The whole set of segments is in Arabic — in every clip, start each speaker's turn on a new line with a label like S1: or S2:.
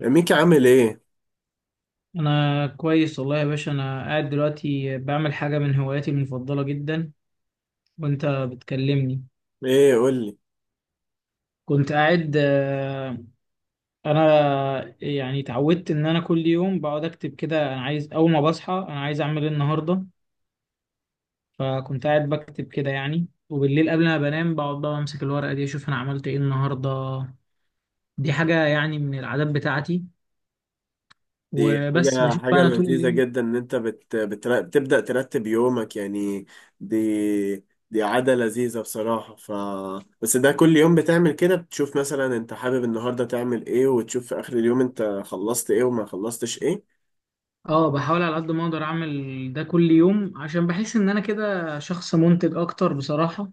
S1: ميكي عامل ايه؟
S2: انا كويس والله يا باشا، انا قاعد دلوقتي بعمل حاجه من هواياتي المفضله جدا وانت بتكلمني.
S1: ايه قول لي.
S2: كنت قاعد، انا يعني اتعودت ان انا كل يوم بقعد اكتب كده، انا عايز اول ما بصحى انا عايز اعمل ايه النهارده. فكنت قاعد بكتب كده يعني، وبالليل قبل ما بنام بقعد بقى امسك الورقه دي اشوف انا عملت ايه النهارده. دي حاجه يعني من العادات بتاعتي،
S1: دي
S2: وبس
S1: حاجة
S2: بشوف بقى
S1: حاجة
S2: انا طول
S1: لذيذة
S2: الليل.
S1: جدا ان انت بتبدأ ترتب يومك يعني. دي دي عادة لذيذة بصراحة. ف بس ده كل يوم بتعمل كده، بتشوف مثلا انت حابب النهاردة تعمل ايه وتشوف في اخر اليوم انت خلصت ايه وما خلصتش ايه؟
S2: اه بحاول على قد ما اقدر اعمل ده كل يوم عشان بحس ان انا كده شخص منتج اكتر بصراحة.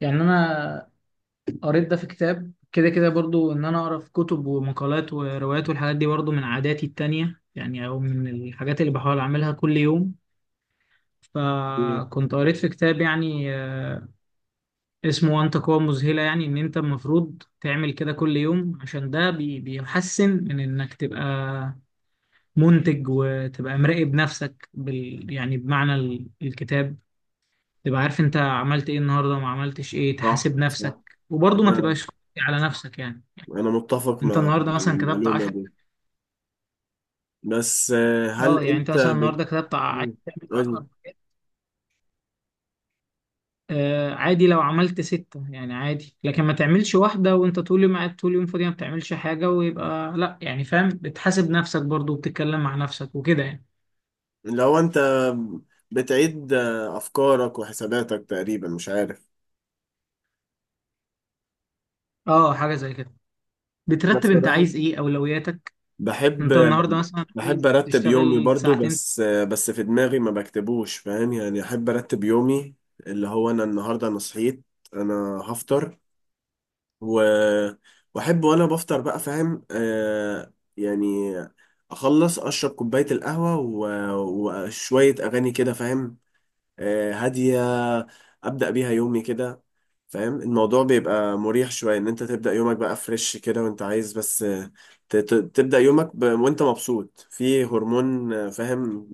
S2: يعني انا قريت ده في كتاب كده كده برضو، ان انا اقرا في كتب ومقالات وروايات، والحاجات دي برضو من عاداتي التانية يعني، او من الحاجات اللي بحاول اعملها كل يوم.
S1: إيه.
S2: فكنت قريت في كتاب يعني، اسمه وانت قوة مذهلة، يعني ان انت المفروض تعمل كده كل يوم عشان ده بيحسن من انك تبقى منتج وتبقى مراقب نفسك يعني بمعنى الكتاب، تبقى عارف انت عملت ايه النهارده وما عملتش ايه،
S1: صح
S2: تحاسب
S1: صح.
S2: نفسك وبرضه ما
S1: انا
S2: تبقاش قاسي على نفسك يعني.
S1: انا متفق
S2: انت
S1: مع
S2: النهارده مثلا كتبت
S1: المعلومة
S2: 10،
S1: دي. بس هل
S2: اه يعني انت
S1: انت
S2: مثلا
S1: بت...؟
S2: النهارده كتبت عايز تعمل
S1: قول لي.
S2: 10 حاجات، آه عادي لو عملت ستة يعني عادي، لكن ما تعملش واحدة وانت طول يوم قاعد طول يوم فاضي ما بتعملش حاجة، ويبقى لا يعني فاهم، بتحاسب نفسك برضه وبتتكلم مع نفسك وكده يعني.
S1: لو انت بتعيد افكارك وحساباتك تقريبا، مش عارف.
S2: اه حاجة زي كده،
S1: انا
S2: بترتب انت
S1: بصراحة
S2: عايز ايه اولوياتك،
S1: بحب،
S2: انت النهارده مثلا
S1: بحب
S2: عايز
S1: ارتب يومي
S2: تشتغل
S1: برضو،
S2: ساعتين.
S1: بس في دماغي ما بكتبوش، فاهم يعني؟ احب ارتب يومي، اللي هو انا النهارده انا صحيت، انا هفطر و واحب وانا بفطر بقى، فاهم؟ آه يعني اخلص اشرب كوبايه القهوه و... وشويه اغاني كده، فاهم؟ آه هاديه، ابدا بيها يومي كده. فاهم؟ الموضوع بيبقى مريح شوية ان انت تبدأ يومك بقى فريش كده، وانت عايز بس تبدأ يومك ب... وانت مبسوط، في هرمون فاهم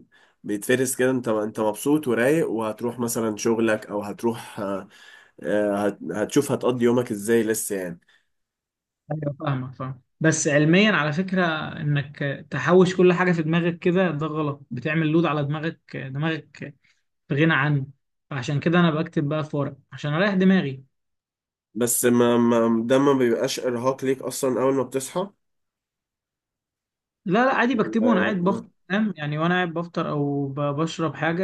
S1: بيتفرز كده. انت انت مبسوط ورايق، وهتروح مثلا شغلك او هتروح، هتشوف هتقضي يومك ازاي لسه يعني.
S2: ايوه فاهمك فاهم، بس علميا على فكره، انك تحوش كل حاجه في دماغك كده ده غلط، بتعمل لود على دماغك. دماغك بغنى عنه، فعشان كده انا بكتب بقى في ورق عشان اريح دماغي.
S1: بس ما... ما... ده ما بيبقاش ارهاق ليك اصلا اول ما بتصحى
S2: لا لا عادي، بكتبه وانا قاعد
S1: آه.
S2: بفطر فاهم يعني، وانا قاعد بفطر او بشرب حاجه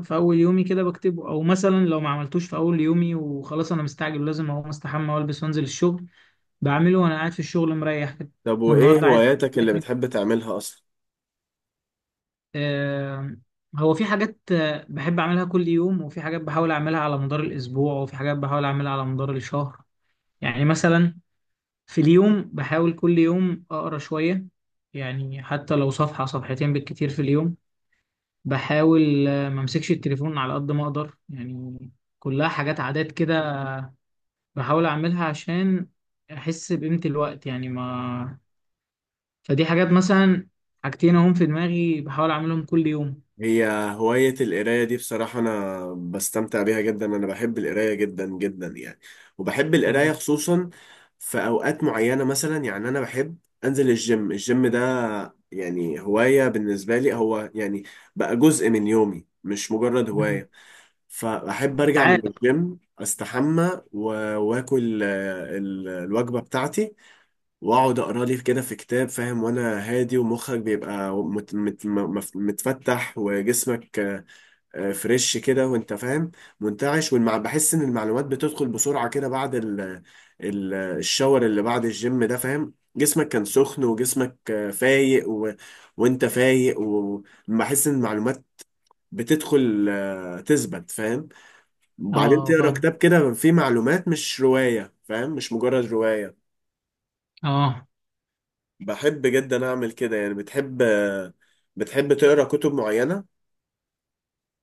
S2: في اول يومي كده بكتبه، او مثلا لو ما عملتوش في اول يومي وخلاص انا مستعجل لازم اقوم استحمى والبس وانزل الشغل، بعمله وانا قاعد في الشغل مريح كده.
S1: طب
S2: ده
S1: وايه
S2: النهارده عايز
S1: هواياتك اللي
S2: أعمل،
S1: بتحب تعملها اصلا؟
S2: آه، هو في حاجات، بحب أعملها كل يوم، وفي حاجات بحاول أعملها على مدار الأسبوع، وفي حاجات بحاول أعملها على مدار الشهر، يعني مثلا في اليوم بحاول كل يوم أقرأ شوية، يعني حتى لو صفحة صفحتين بالكتير في اليوم، بحاول ما أمسكش التليفون على قد ما أقدر يعني، كلها حاجات عادات كده بحاول أعملها عشان أحس بقيمة الوقت يعني ما، فدي حاجات مثلا، حاجتين أهم في دماغي بحاول أعملهم كل يوم.
S1: هي هواية القراية دي بصراحة أنا بستمتع بيها جدا، أنا بحب القراية جدا جدا يعني. وبحب القراية
S2: حلو.
S1: خصوصا في أوقات معينة، مثلا يعني أنا بحب أنزل الجيم. الجيم ده يعني هواية بالنسبة لي، هو يعني بقى جزء من يومي مش مجرد
S2: مم.
S1: هواية. فأحب أرجع من
S2: عادة.
S1: الجيم أستحمى وآكل الوجبة بتاعتي، واقعد اقرا لي كده في كتاب، فاهم؟ وانا هادي ومخك بيبقى متفتح وجسمك فريش كده، وانت فاهم؟ منتعش، والمع، بحس ان المعلومات بتدخل بسرعة كده بعد ال الشاور اللي بعد الجيم ده. فاهم؟ جسمك كان سخن، وجسمك فايق و... وانت فايق، وبحس ان المعلومات بتدخل تثبت، فاهم؟ وبعدين
S2: اه
S1: تقرا
S2: فاهم.
S1: كتاب كده فيه معلومات، مش رواية، فاهم؟ مش مجرد رواية.
S2: اه
S1: بحب جدا اعمل كده يعني. بتحب، بتحب تقرا كتب معينه؟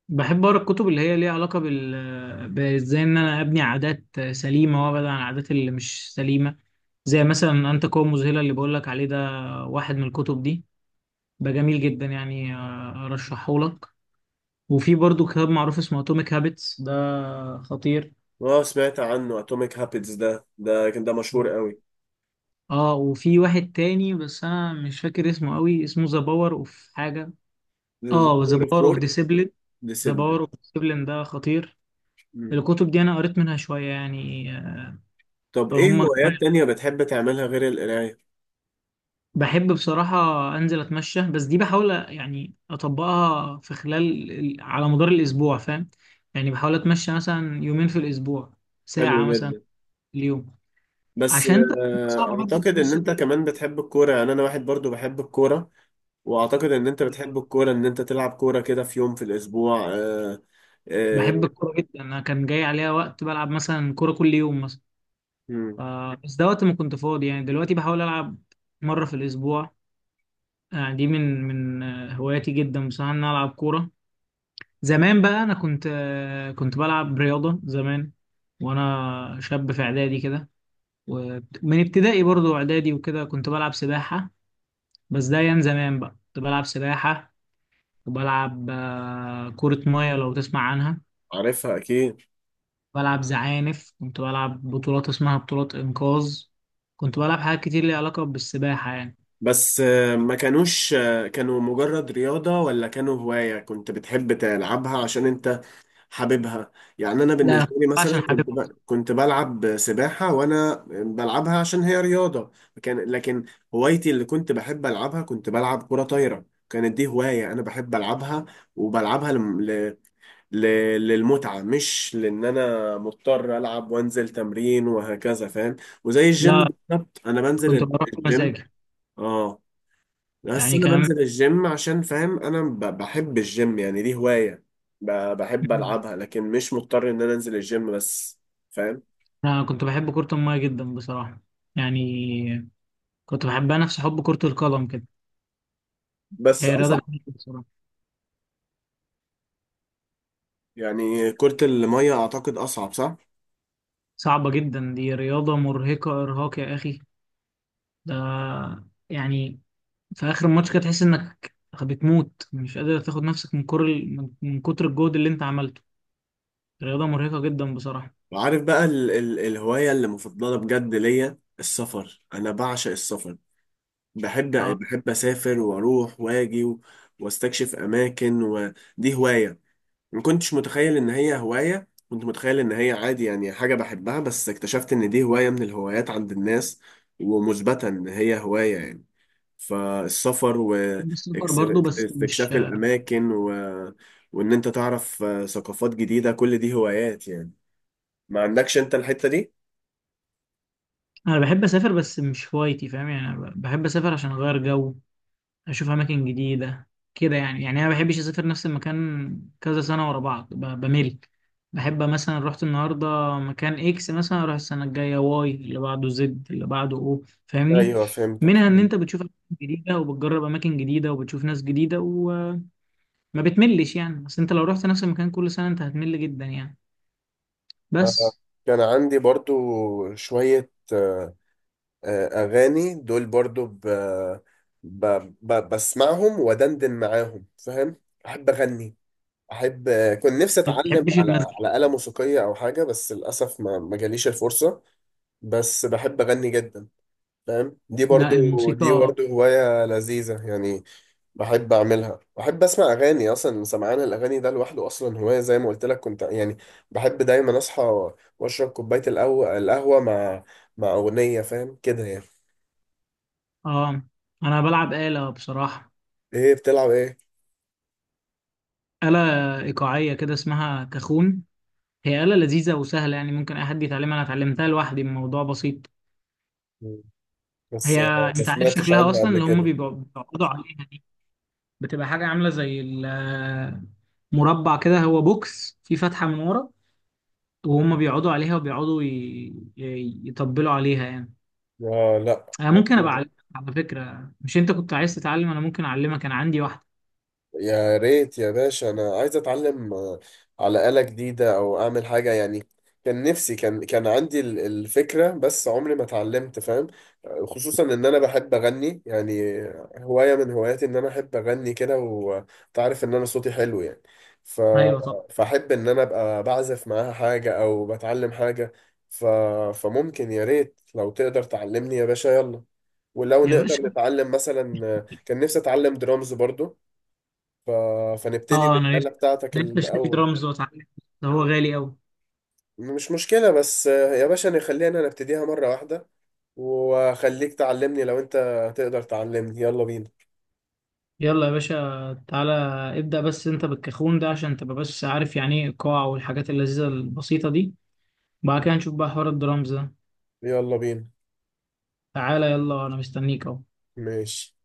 S2: بحب اقرا الكتب اللي هي ليها علاقه بازاي ان انا ابني عادات سليمه وابعد عن العادات اللي مش سليمه، زي مثلا انت قوه مذهله اللي بقول لك عليه ده، واحد من الكتب دي، ده جميل جدا يعني، ارشحه لك. وفي برضو كتاب معروف اسمه اتوميك هابتس، ده خطير.
S1: اه سمعت عنه، اتوميك هابتس ده، ده كان مشهور قوي.
S2: اه وفي واحد تاني بس انا مش فاكر اسمه قوي، اسمه ذا باور اوف حاجه، اه ذا باور اوف
S1: فور
S2: ديسيبلين، ذا باور
S1: ديسيبلين.
S2: اوف ديسيبلين ده خطير. الكتب دي انا قريت منها شويه يعني.
S1: طب ايه
S2: فهم كمان.
S1: هوايات تانية بتحب تعملها غير القرايه؟
S2: بحب بصراحة أنزل أتمشى، بس دي بحاول يعني أطبقها في خلال على مدار الأسبوع فاهم، يعني بحاول أتمشى مثلا يومين في الأسبوع،
S1: حلو
S2: ساعة مثلا
S1: جدا.
S2: في اليوم،
S1: بس
S2: عشان أنت صعب برضه
S1: اعتقد ان
S2: تتمشى
S1: انت
S2: كل
S1: كمان بتحب الكوره، يعني انا واحد برضو بحب الكوره. واعتقد ان انت
S2: يوم.
S1: بتحب الكوره، ان انت تلعب كوره كده في يوم في الاسبوع،
S2: بحب
S1: آه.
S2: الكورة جدا، أنا كان جاي عليها وقت بلعب مثلا كورة كل يوم مثلا، ف-
S1: مم،
S2: بس ده وقت ما كنت فاضي يعني، دلوقتي بحاول ألعب مرة في الأسبوع، يعني دي من هواياتي جدا بصراحة، إن أنا ألعب كورة. زمان بقى انا كنت بلعب رياضه زمان وانا شاب في اعدادي كده، ومن ابتدائي برضو اعدادي وكده كنت بلعب سباحه، بس ده ايام زمان بقى كنت بلعب سباحه، وبلعب كره ميه لو تسمع عنها،
S1: عارفها اكيد.
S2: بلعب زعانف، كنت بلعب بطولات اسمها بطولات انقاذ، كنت بلعب حاجات كتير ليها علاقه بالسباحه يعني.
S1: بس ما كانوش كانوا مجرد رياضة، ولا كانوا هواية كنت بتحب تلعبها عشان انت حاببها؟ يعني انا
S2: لا انا كنت
S1: بالنسبة
S2: بلعب
S1: لي مثلا
S2: عشان حاببها.
S1: كنت ب...، كنت بلعب سباحة وانا بلعبها عشان هي رياضة. كان... لكن هوايتي اللي كنت بحب العبها، كنت بلعب كرة طايرة، كانت دي هواية انا بحب العبها وبلعبها ل... للمتعة، مش لان انا مضطر العب وانزل تمرين وهكذا، فاهم؟ وزي الجيم
S2: لا
S1: بالظبط، انا
S2: كنت
S1: بنزل
S2: بروح
S1: الجيم،
S2: بمزاجي
S1: اه. بس
S2: يعني
S1: انا
S2: كمان.
S1: بنزل الجيم عشان فاهم، انا بحب الجيم يعني، دي هواية بحب العبها، لكن مش مضطر ان انا انزل الجيم بس، فاهم؟
S2: انا كنت بحب كره الميه جدا بصراحه، يعني كنت بحبها نفس حب كرة القدم كده،
S1: بس
S2: هي
S1: اصعب
S2: رياضة جميلة بصراحة،
S1: يعني، كرة المية اعتقد اصعب، صح؟
S2: صعبة جدا، دي رياضة مرهقة إرهاق يا أخي، ده يعني في آخر الماتش كده تحس إنك بتموت، مش قادر تاخد نفسك من كر من من كتر الجهد اللي أنت عملته، رياضة مرهقة جدا بصراحة.
S1: وعارف بقى ال الهواية اللي مفضلة بجد ليا؟ السفر. انا بعشق السفر، بحب،
S2: آه،
S1: بحب اسافر واروح واجي و واستكشف اماكن، ودي هواية ما كنتش متخيل ان هي هواية، كنت متخيل ان هي عادي يعني حاجة بحبها، بس اكتشفت ان دي هواية من الهوايات عند الناس، ومثبتة ان هي هواية يعني. فالسفر
S2: بحب السفر برضو بس مش،
S1: واستكشاف الاماكن و... وان انت تعرف ثقافات جديدة، كل دي هوايات يعني. ما عندكش انت الحتة دي؟
S2: أنا بحب أسافر بس مش هوايتي فاهم يعني، أنا بحب أسافر عشان أغير جو، اشوف اماكن جديده كده يعني، يعني انا ما بحبش اسافر نفس المكان كذا سنه ورا بعض بمل. بحب مثلا رحت النهارده مكان اكس مثلا، اروح السنه الجايه واي اللي بعده زد اللي بعده او، فاهمني،
S1: ايوه فهمتك،
S2: منها ان
S1: فهمت.
S2: انت بتشوف اماكن جديده وبتجرب اماكن جديده وبتشوف ناس جديده وما بتملش يعني، بس انت لو رحت نفس المكان كل سنه انت هتمل جدا يعني
S1: آه،
S2: بس.
S1: كان عندي برضو شوية اغاني دول برضو ب... بسمعهم ودندن معاهم، فاهم؟ احب اغني، احب كنت نفسي
S2: ما
S1: اتعلم
S2: بتحبش
S1: على
S2: المزيكا؟
S1: على آلة موسيقية او حاجة، بس للاسف ما جاليش الفرصة. بس بحب اغني جدا، فاهم؟ دي
S2: لا
S1: برضو دي
S2: الموسيقى.
S1: برضو هواية لذيذة يعني، بحب اعملها. بحب اسمع اغاني، اصلا سمعان الاغاني ده لوحده اصلا هوايه. زي ما قلت لك كنت يعني بحب دايما اصحى واشرب كوبايه القهوه مع اغنيه، فاهم كده يعني؟
S2: اه انا بلعب آلة بصراحه،
S1: ايه بتلعب ايه؟
S2: آلة إيقاعية كده اسمها كاخون، هي آلة لذيذة وسهلة يعني، ممكن أي حد يتعلمها، أنا اتعلمتها لوحدي، الموضوع بسيط.
S1: مم. بس
S2: هي
S1: ما
S2: أنت عارف
S1: سمعتش
S2: شكلها
S1: عنها
S2: أصلا،
S1: قبل
S2: اللي هم
S1: كده.
S2: بيقعدوا عليها دي، بتبقى حاجة عاملة زي مربع كده، هو بوكس فيه فتحة من ورا، وهم بيقعدوا عليها وبيقعدوا يطبلوا عليها يعني.
S1: اه، لا
S2: أنا ممكن
S1: لا
S2: أبقى أعلمك على فكرة، مش أنت كنت عايز تتعلم؟ أنا ممكن أعلمك، أنا عندي واحدة.
S1: يا ريت يا باشا، انا عايز اتعلم على آلة جديدة او اعمل حاجة يعني. كان نفسي، كان عندي الفكرة، بس عمري ما اتعلمت، فاهم؟ خصوصا ان انا بحب اغني يعني، هواية من هواياتي ان انا احب اغني كده، وتعرف ان انا صوتي حلو يعني. ف...
S2: أيوه طبعا
S1: فاحب ان انا ابقى بعزف معاها حاجة او بتعلم حاجة. ف... فممكن يا ريت لو تقدر تعلمني يا باشا، يلا. ولو
S2: يا
S1: نقدر
S2: باشا.
S1: نتعلم مثلا، كان نفسي اتعلم درامز برضو. ف... فنبتدي
S2: أه أنا
S1: بالآلة
S2: نفسي،
S1: بتاعتك
S2: نفسي أشتري
S1: الأول.
S2: درامز وأتعلم، ده هو غالي أوي.
S1: مش مشكلة، بس يا باشا نخلينا نبتديها مرة واحدة، وخليك تعلمني لو أنت تقدر تعلمني. يلا بينا،
S2: يلا يا باشا تعالى، ابدأ بس انت بالكاخون ده عشان تبقى بس عارف يعني ايه القاع والحاجات اللذيذة البسيطة دي، بعد كده نشوف بقى حوار الدرامز ده،
S1: يلا بينا.
S2: تعالى يلا انا مستنيك اهو.
S1: ماشي.